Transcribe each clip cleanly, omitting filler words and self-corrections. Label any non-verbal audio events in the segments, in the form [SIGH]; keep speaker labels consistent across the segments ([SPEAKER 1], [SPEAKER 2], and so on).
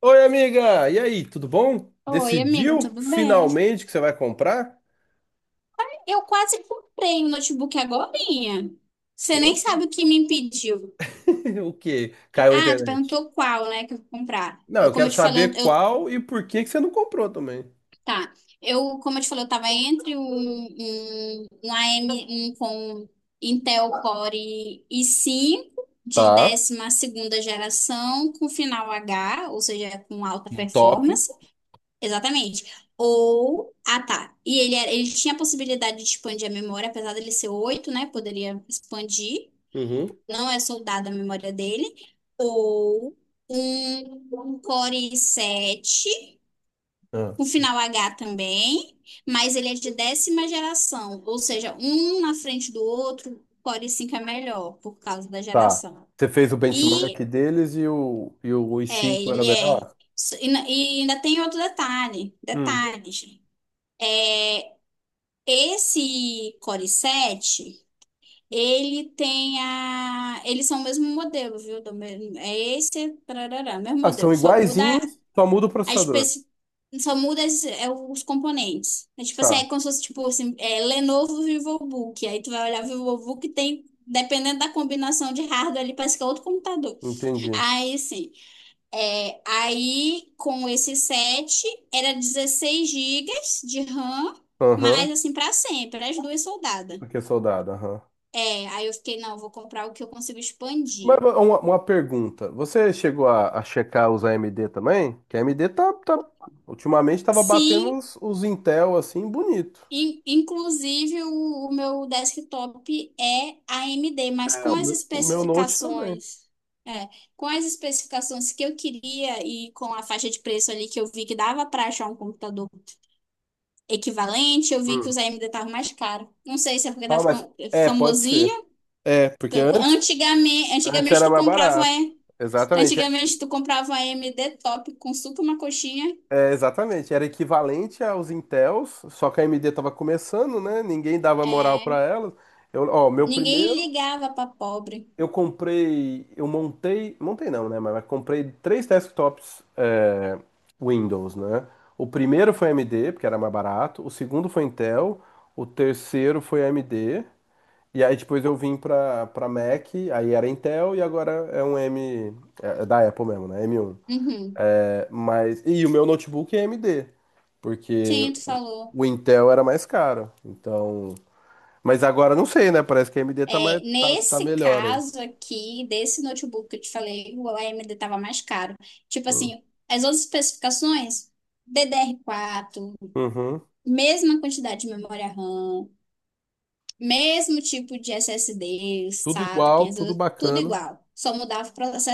[SPEAKER 1] Oi, amiga! E aí, tudo bom?
[SPEAKER 2] Oi, amigo,
[SPEAKER 1] Decidiu
[SPEAKER 2] tudo bem?
[SPEAKER 1] finalmente que você vai comprar?
[SPEAKER 2] Eu quase comprei um notebook agorinha. Você nem
[SPEAKER 1] Poxa.
[SPEAKER 2] sabe o que me impediu.
[SPEAKER 1] [LAUGHS] O quê? Caiu a
[SPEAKER 2] Ah, tu
[SPEAKER 1] internet.
[SPEAKER 2] perguntou qual, né, que eu vou comprar.
[SPEAKER 1] Não,
[SPEAKER 2] Eu,
[SPEAKER 1] eu
[SPEAKER 2] como
[SPEAKER 1] quero
[SPEAKER 2] eu te falei,
[SPEAKER 1] saber qual e por que que você não comprou também.
[SPEAKER 2] tá. Eu, como eu te falei, eu tava entre um, AM, um com Intel Core i5 de
[SPEAKER 1] Tá,
[SPEAKER 2] 12ª geração com final H, ou seja, com alta
[SPEAKER 1] top.
[SPEAKER 2] performance. Exatamente. Ou. Ah, tá. E ele tinha a possibilidade de expandir a memória, apesar dele ser oito, né? Poderia expandir.
[SPEAKER 1] Uhum.
[SPEAKER 2] Não é soldado a memória dele. Ou um Core i7,
[SPEAKER 1] Ah,
[SPEAKER 2] com final H também, mas ele é de 10ª geração. Ou seja, um na frente do outro, o Core i5 é melhor, por causa da
[SPEAKER 1] tá.
[SPEAKER 2] geração.
[SPEAKER 1] Você fez o benchmark
[SPEAKER 2] E
[SPEAKER 1] deles e o i
[SPEAKER 2] é,
[SPEAKER 1] cinco era
[SPEAKER 2] ele é.
[SPEAKER 1] melhor?
[SPEAKER 2] E ainda tem outro
[SPEAKER 1] Hum.
[SPEAKER 2] detalhes. Esse Core 7, ele tem a. Eles são o mesmo modelo, viu? É esse, tarará, mesmo
[SPEAKER 1] Ah, são
[SPEAKER 2] modelo.
[SPEAKER 1] iguaizinhos, só muda o
[SPEAKER 2] A
[SPEAKER 1] processador.
[SPEAKER 2] especi... Só muda os componentes. É tipo assim,
[SPEAKER 1] Tá,
[SPEAKER 2] é como se fosse tipo assim, é, Lenovo VivoBook. Aí tu vai olhar o VivoBook tem. Dependendo da combinação de hardware, ali parece que é outro computador.
[SPEAKER 1] entendi.
[SPEAKER 2] Aí, sim. É, aí, com esse 7, era 16 gigas de RAM.
[SPEAKER 1] Aham,
[SPEAKER 2] Mas assim, para sempre, as duas soldadas.
[SPEAKER 1] porque é soldado, aham.
[SPEAKER 2] É, aí eu fiquei, não, eu vou comprar o que eu consigo
[SPEAKER 1] Mas
[SPEAKER 2] expandir.
[SPEAKER 1] uma pergunta. Você chegou a checar os AMD também? Que a AMD tá, ultimamente tava batendo
[SPEAKER 2] Sim,
[SPEAKER 1] os Intel assim, bonito.
[SPEAKER 2] inclusive o meu desktop é AMD, mas
[SPEAKER 1] É,
[SPEAKER 2] com
[SPEAKER 1] o
[SPEAKER 2] as
[SPEAKER 1] meu, o meu Note também.
[SPEAKER 2] especificações, é, com as especificações que eu queria e com a faixa de preço ali que eu vi que dava para achar um computador equivalente. Eu vi que os
[SPEAKER 1] Hum.
[SPEAKER 2] AMD estavam mais caros. Não sei se é porque tá
[SPEAKER 1] Ah, mas
[SPEAKER 2] ficando
[SPEAKER 1] é, pode ser.
[SPEAKER 2] famosinho.
[SPEAKER 1] É, porque antes,
[SPEAKER 2] Antigamente,
[SPEAKER 1] antes
[SPEAKER 2] antigamente
[SPEAKER 1] era
[SPEAKER 2] tu
[SPEAKER 1] mais
[SPEAKER 2] comprava,
[SPEAKER 1] barato.
[SPEAKER 2] é,
[SPEAKER 1] Exatamente.
[SPEAKER 2] Antigamente tu comprava um AMD top com suco e uma coxinha.
[SPEAKER 1] Exatamente. Era equivalente aos Intels, só que a AMD tava começando, né? Ninguém dava moral
[SPEAKER 2] É,
[SPEAKER 1] para elas. Eu, ó, meu
[SPEAKER 2] ninguém
[SPEAKER 1] primeiro
[SPEAKER 2] ligava para pobre.
[SPEAKER 1] eu comprei, eu montei, montei não, né? Mas comprei três desktops é, Windows, né? O primeiro foi AMD, porque era mais barato. O segundo foi Intel. O terceiro foi AMD. E aí depois eu vim pra Mac, aí era Intel e agora é um M, é, é da Apple mesmo, né? M um.
[SPEAKER 2] Uhum.
[SPEAKER 1] É, mas, e o meu notebook é AMD, porque
[SPEAKER 2] Sim, tu falou.
[SPEAKER 1] o Intel era mais caro. Então, mas agora não sei, né? Parece que a AMD tá mais,
[SPEAKER 2] É,
[SPEAKER 1] tá, tá
[SPEAKER 2] nesse
[SPEAKER 1] melhor aí.
[SPEAKER 2] caso aqui, desse notebook que eu te falei, o AMD estava mais caro. Tipo assim, as outras especificações, DDR4,
[SPEAKER 1] Uhum.
[SPEAKER 2] mesma quantidade de memória RAM, mesmo tipo de SSD,
[SPEAKER 1] Tudo
[SPEAKER 2] SATA,
[SPEAKER 1] igual, tudo
[SPEAKER 2] 512, tudo
[SPEAKER 1] bacana.
[SPEAKER 2] igual. Só mudava o processo.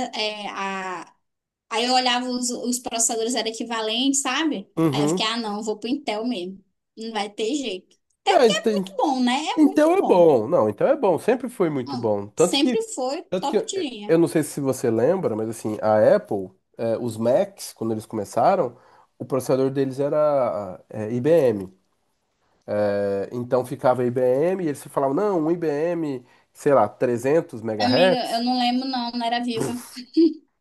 [SPEAKER 2] Aí eu olhava os processadores eram equivalentes, sabe? Aí eu fiquei,
[SPEAKER 1] Uhum.
[SPEAKER 2] ah, não, eu vou pro Intel mesmo. Não vai ter jeito. Até
[SPEAKER 1] É,
[SPEAKER 2] porque é
[SPEAKER 1] enten-
[SPEAKER 2] muito bom, né? É
[SPEAKER 1] então
[SPEAKER 2] muito
[SPEAKER 1] é
[SPEAKER 2] bom.
[SPEAKER 1] bom. Não, então é bom. Sempre foi muito
[SPEAKER 2] Não,
[SPEAKER 1] bom.
[SPEAKER 2] sempre foi
[SPEAKER 1] Tanto que
[SPEAKER 2] top de
[SPEAKER 1] eu
[SPEAKER 2] linha.
[SPEAKER 1] não sei se você lembra, mas assim, a Apple, os Macs, quando eles começaram, o processador deles era IBM. Então ficava IBM e eles falavam, não, um IBM, sei lá, trezentos
[SPEAKER 2] Amiga, eu
[SPEAKER 1] megahertz
[SPEAKER 2] não lembro, não, não era viva.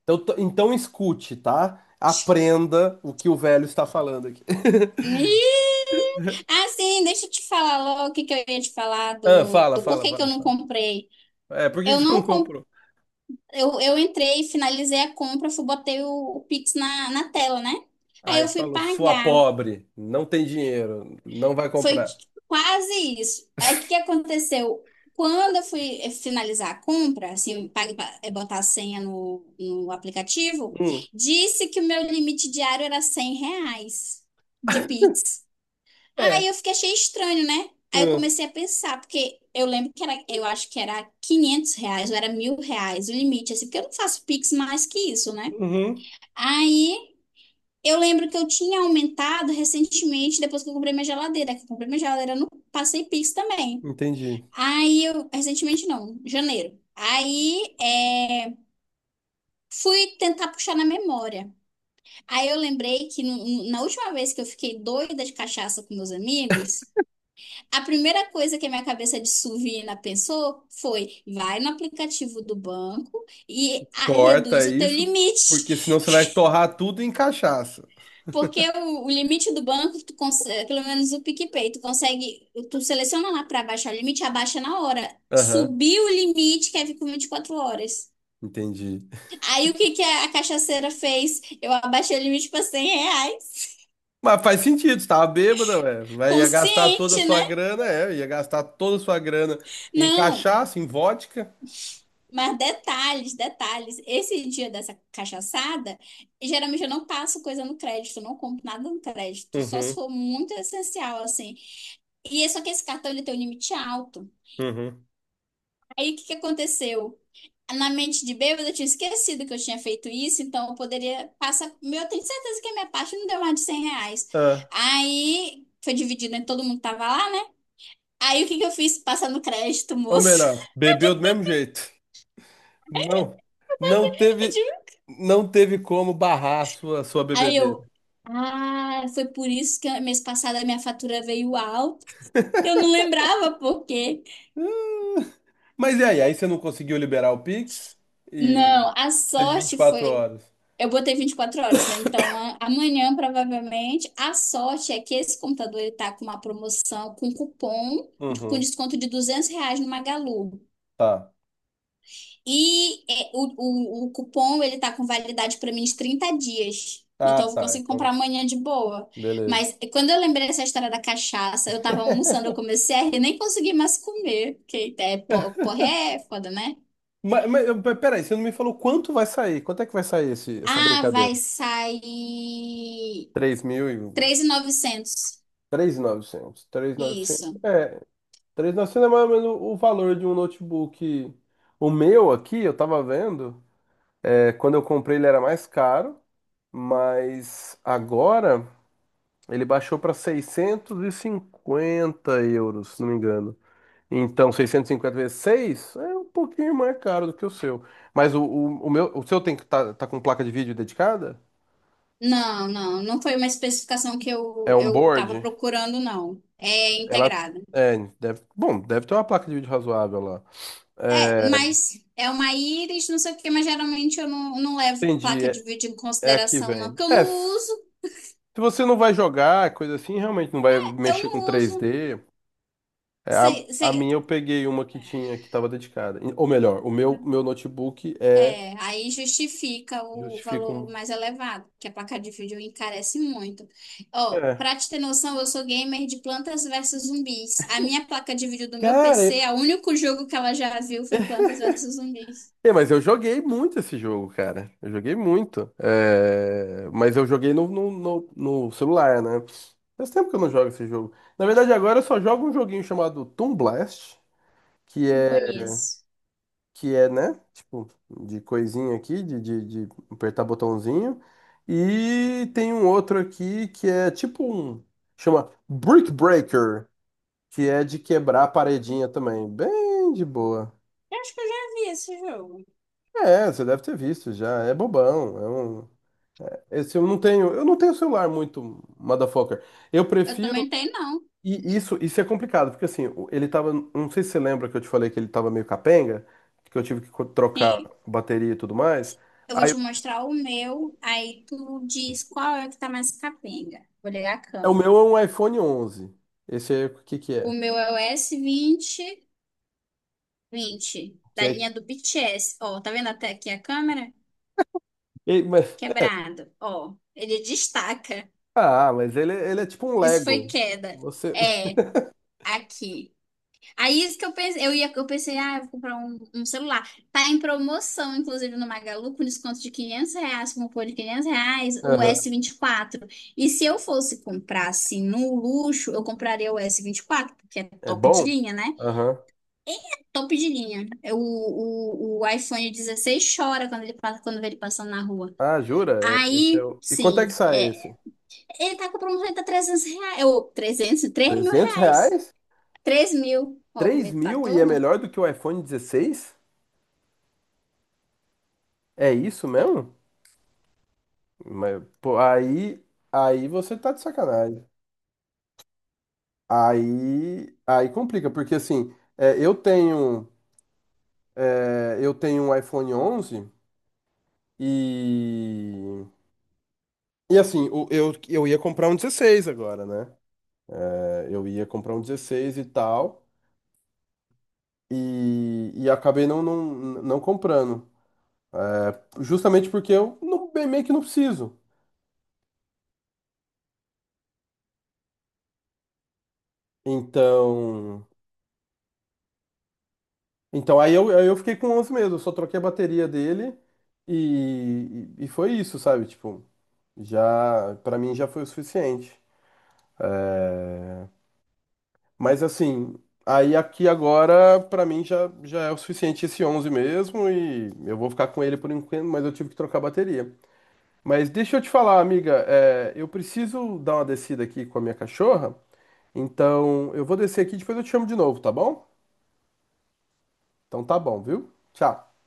[SPEAKER 1] Então, então escute, tá? Aprenda o que o velho está falando aqui. [LAUGHS]
[SPEAKER 2] Ih! Ah, sim, deixa eu te falar logo o que que eu ia te falar
[SPEAKER 1] Ah,
[SPEAKER 2] do,
[SPEAKER 1] fala,
[SPEAKER 2] do
[SPEAKER 1] fala,
[SPEAKER 2] porquê que eu
[SPEAKER 1] fala,
[SPEAKER 2] não
[SPEAKER 1] fala.
[SPEAKER 2] comprei.
[SPEAKER 1] É, por que que
[SPEAKER 2] Eu
[SPEAKER 1] você não
[SPEAKER 2] não com-
[SPEAKER 1] comprou?
[SPEAKER 2] eu entrei, finalizei a compra, fui, botei o Pix na, na tela, né? Aí eu
[SPEAKER 1] Aí
[SPEAKER 2] fui
[SPEAKER 1] falou, sua
[SPEAKER 2] pagar.
[SPEAKER 1] pobre, não tem dinheiro, não vai
[SPEAKER 2] Foi
[SPEAKER 1] comprar.
[SPEAKER 2] quase isso. Aí o que que aconteceu? Quando eu fui finalizar a compra, assim, eu paguei pra, botar a senha no, no aplicativo,
[SPEAKER 1] Hum,
[SPEAKER 2] disse que o meu limite diário era R$ 100 de Pix. Aí
[SPEAKER 1] é.
[SPEAKER 2] eu fiquei, achei estranho, né? Aí eu
[SPEAKER 1] Hum,
[SPEAKER 2] comecei a pensar, porque eu lembro que era, eu acho que era R$ 500, ou era R$ 1.000 o limite, assim, porque eu não faço Pix mais que isso, né?
[SPEAKER 1] uhum,
[SPEAKER 2] Aí eu lembro que eu tinha aumentado recentemente, depois que eu comprei minha geladeira, que eu comprei minha geladeira no Passei Pix também.
[SPEAKER 1] entendi.
[SPEAKER 2] Aí eu, recentemente não, janeiro. Aí fui tentar puxar na memória. Aí eu lembrei que na última vez que eu fiquei doida de cachaça com meus amigos, a primeira coisa que a minha cabeça de suvina pensou foi: vai no aplicativo do banco e reduz
[SPEAKER 1] Corta
[SPEAKER 2] o teu
[SPEAKER 1] isso, porque
[SPEAKER 2] limite.
[SPEAKER 1] senão você vai torrar tudo em cachaça.
[SPEAKER 2] Porque o limite do banco, tu consegue, pelo menos o PicPay, tu consegue, tu seleciona lá para baixar o limite, abaixa na hora.
[SPEAKER 1] Aham,
[SPEAKER 2] Subiu o limite, quer vir com 24 horas.
[SPEAKER 1] entendi.
[SPEAKER 2] Aí o que que a cachaceira fez? Eu abaixei o limite para R$ 100.
[SPEAKER 1] Mas faz sentido, você tava bêbada, ué. Vai, ia gastar toda a
[SPEAKER 2] Consciente,
[SPEAKER 1] sua
[SPEAKER 2] né?
[SPEAKER 1] grana, é, ia gastar toda a sua grana em
[SPEAKER 2] Não,
[SPEAKER 1] cachaça, em vodka.
[SPEAKER 2] mas detalhes, detalhes. Esse dia dessa cachaçada, geralmente eu não passo coisa no crédito, não compro nada no crédito, só se
[SPEAKER 1] Uhum,
[SPEAKER 2] for muito essencial, assim. E é só que esse cartão ele tem um limite alto.
[SPEAKER 1] uhum.
[SPEAKER 2] Aí o que que aconteceu? Na mente de bêbada, eu tinha esquecido que eu tinha feito isso, então eu poderia passar. Meu, eu tenho certeza que a minha parte não deu mais de R$ 100.
[SPEAKER 1] Ah,
[SPEAKER 2] Aí foi dividido, né? Todo mundo tava lá, né? Aí o que que eu fiz? Passar no crédito,
[SPEAKER 1] ou
[SPEAKER 2] moço.
[SPEAKER 1] melhor, bebeu do mesmo jeito. Não, não
[SPEAKER 2] [LAUGHS] Eu
[SPEAKER 1] teve,
[SPEAKER 2] tive-
[SPEAKER 1] não teve como barrar a sua
[SPEAKER 2] Aí
[SPEAKER 1] bebedeira.
[SPEAKER 2] eu. Ah, foi por isso que mês passado a minha fatura veio alta. Eu não lembrava por quê.
[SPEAKER 1] Mas e aí? Aí você não conseguiu liberar o Pix e
[SPEAKER 2] Não, a
[SPEAKER 1] precisa de vinte e
[SPEAKER 2] sorte
[SPEAKER 1] quatro
[SPEAKER 2] foi.
[SPEAKER 1] horas.
[SPEAKER 2] Eu botei 24 horas, né? Então amanhã provavelmente. A sorte é que esse computador ele tá com uma promoção com com
[SPEAKER 1] Uhum.
[SPEAKER 2] desconto de R$ 200 no Magalu.
[SPEAKER 1] Tá.
[SPEAKER 2] E é, o, o cupom ele tá com validade para mim de 30 dias.
[SPEAKER 1] Ah,
[SPEAKER 2] Então eu vou
[SPEAKER 1] tá.
[SPEAKER 2] conseguir
[SPEAKER 1] Então,
[SPEAKER 2] comprar amanhã de boa.
[SPEAKER 1] beleza.
[SPEAKER 2] Mas quando eu lembrei dessa história da cachaça, eu tava almoçando, eu comecei a rir, nem consegui mais comer, porque porra, é foda, né?
[SPEAKER 1] Mas, peraí, você não me falou quanto vai sair? Quanto é que vai sair essa
[SPEAKER 2] Ah, vai
[SPEAKER 1] brincadeira?
[SPEAKER 2] sair
[SPEAKER 1] 3 mil e...
[SPEAKER 2] 3.900.
[SPEAKER 1] 3.900. Novecentos. Três mil e novecentos.
[SPEAKER 2] Isso.
[SPEAKER 1] É, três mil e novecentos é mais ou menos o valor de um notebook. O meu aqui, eu tava vendo, é, quando eu comprei ele era mais caro, mas agora... Ele baixou para 650 euros, se não me engano. Então, 650 vezes 6 é um pouquinho mais caro do que o seu. Mas o seu tem que tá, tá com placa de vídeo dedicada?
[SPEAKER 2] Não, não, não foi uma especificação que
[SPEAKER 1] É
[SPEAKER 2] eu
[SPEAKER 1] um
[SPEAKER 2] eu estava
[SPEAKER 1] board?
[SPEAKER 2] procurando, não. É
[SPEAKER 1] Ela
[SPEAKER 2] integrada.
[SPEAKER 1] é, deve, bom, deve ter uma placa de vídeo razoável lá.
[SPEAKER 2] É,
[SPEAKER 1] É,
[SPEAKER 2] mas é uma íris, não sei o quê, mas geralmente eu não, não levo
[SPEAKER 1] entendi,
[SPEAKER 2] placa de
[SPEAKER 1] é,
[SPEAKER 2] vídeo em
[SPEAKER 1] é aqui
[SPEAKER 2] consideração, não,
[SPEAKER 1] vem.
[SPEAKER 2] porque eu não
[SPEAKER 1] É, se
[SPEAKER 2] uso,
[SPEAKER 1] você não vai jogar, coisa assim, realmente não vai
[SPEAKER 2] eu
[SPEAKER 1] mexer com
[SPEAKER 2] não uso.
[SPEAKER 1] 3D. É, a,
[SPEAKER 2] Cê-
[SPEAKER 1] a
[SPEAKER 2] cê-
[SPEAKER 1] minha eu peguei uma que tinha que estava dedicada. Ou melhor, meu notebook é
[SPEAKER 2] Aí justifica o valor
[SPEAKER 1] justificam.
[SPEAKER 2] mais elevado, que a placa de vídeo encarece muito. Ó,
[SPEAKER 1] É.
[SPEAKER 2] pra te ter noção, eu sou gamer de Plantas versus Zumbis. A minha placa de vídeo do meu
[SPEAKER 1] Cara,
[SPEAKER 2] PC, o único jogo que ela já viu foi Plantas versus Zumbis.
[SPEAKER 1] é, mas eu joguei muito esse jogo, cara. Eu joguei muito. É, mas eu joguei no celular, né? Faz tempo que eu não jogo esse jogo. Na verdade, agora eu só jogo um joguinho chamado Toon Blast, que
[SPEAKER 2] Não
[SPEAKER 1] é,
[SPEAKER 2] conheço.
[SPEAKER 1] que é, né? Tipo, de coisinha aqui, de apertar botãozinho. E tem um outro aqui que é tipo um. Chama Brick Breaker, que é de quebrar a paredinha também. Bem de boa.
[SPEAKER 2] Eu acho que eu já vi esse jogo.
[SPEAKER 1] É, você deve ter visto já. É bobão. É um... Esse eu não tenho celular muito, motherfucker. Eu
[SPEAKER 2] Eu
[SPEAKER 1] prefiro.
[SPEAKER 2] também tenho, não.
[SPEAKER 1] E isso é complicado, porque assim, ele tava. Não sei se você lembra que eu te falei que ele tava meio capenga, que eu tive que trocar
[SPEAKER 2] Sim.
[SPEAKER 1] bateria e tudo mais.
[SPEAKER 2] Eu vou
[SPEAKER 1] Aí
[SPEAKER 2] te mostrar o meu, aí tu diz qual é o que tá mais capenga. Vou ligar a
[SPEAKER 1] é, o meu
[SPEAKER 2] câmera.
[SPEAKER 1] é um iPhone 11. Esse aí, o que que
[SPEAKER 2] O
[SPEAKER 1] é?
[SPEAKER 2] meu é o s vinte
[SPEAKER 1] Que
[SPEAKER 2] da
[SPEAKER 1] é...
[SPEAKER 2] linha do BTS. Ó, tá vendo até aqui a câmera?
[SPEAKER 1] e- mas-
[SPEAKER 2] Quebrado. Ó, ele destaca.
[SPEAKER 1] Ah, mas ele é tipo um
[SPEAKER 2] Isso foi
[SPEAKER 1] Lego.
[SPEAKER 2] queda.
[SPEAKER 1] Você. [LAUGHS]
[SPEAKER 2] É, aqui. Aí isso que eu pensei, eu pensei, ah, eu vou comprar um celular. Tá em promoção, inclusive, no Magalu, com desconto de R$ 500, com cupom de R$ 500, o s
[SPEAKER 1] Aham.
[SPEAKER 2] vinte E quatro. E se eu fosse comprar, assim, no luxo, eu compraria o S24, porque é
[SPEAKER 1] É
[SPEAKER 2] top de
[SPEAKER 1] bom?
[SPEAKER 2] linha, né?
[SPEAKER 1] Aham.
[SPEAKER 2] Top de linha. É o iPhone 16 chora quando ele passa, quando vê ele passando na rua.
[SPEAKER 1] Ah, jura? É, esse é
[SPEAKER 2] Aí,
[SPEAKER 1] o... E quanto é
[SPEAKER 2] sim,
[SPEAKER 1] que sai esse?
[SPEAKER 2] é, ele tá com promoção, ele tá R$ 300, ou 300, três mil
[SPEAKER 1] 300
[SPEAKER 2] reais.
[SPEAKER 1] reais?
[SPEAKER 2] 3.000. Ó, como
[SPEAKER 1] três
[SPEAKER 2] ele tá
[SPEAKER 1] mil e é
[SPEAKER 2] todo.
[SPEAKER 1] melhor do que o iPhone 16? É isso mesmo? Mas, pô, aí, aí você tá de sacanagem. Aí, aí complica, porque assim, é, eu tenho um iPhone 11 e e assim, eu ia comprar um 16 agora, né? É, eu ia comprar um dezesseis e tal e acabei não comprando, é, justamente porque eu não, bem meio que não preciso. Então, então, aí eu fiquei com 11 mesmo, eu só troquei a bateria dele e foi isso, sabe? Tipo, já, pra mim já foi o suficiente. É, mas assim, aí aqui agora, pra mim já, já é o suficiente esse 11 mesmo e eu vou ficar com ele por enquanto, mas eu tive que trocar a bateria. Mas deixa eu te falar, amiga, é, eu preciso dar uma descida aqui com a minha cachorra, então eu vou descer aqui e depois eu te chamo de novo, tá bom? Então tá bom, viu? Tchau.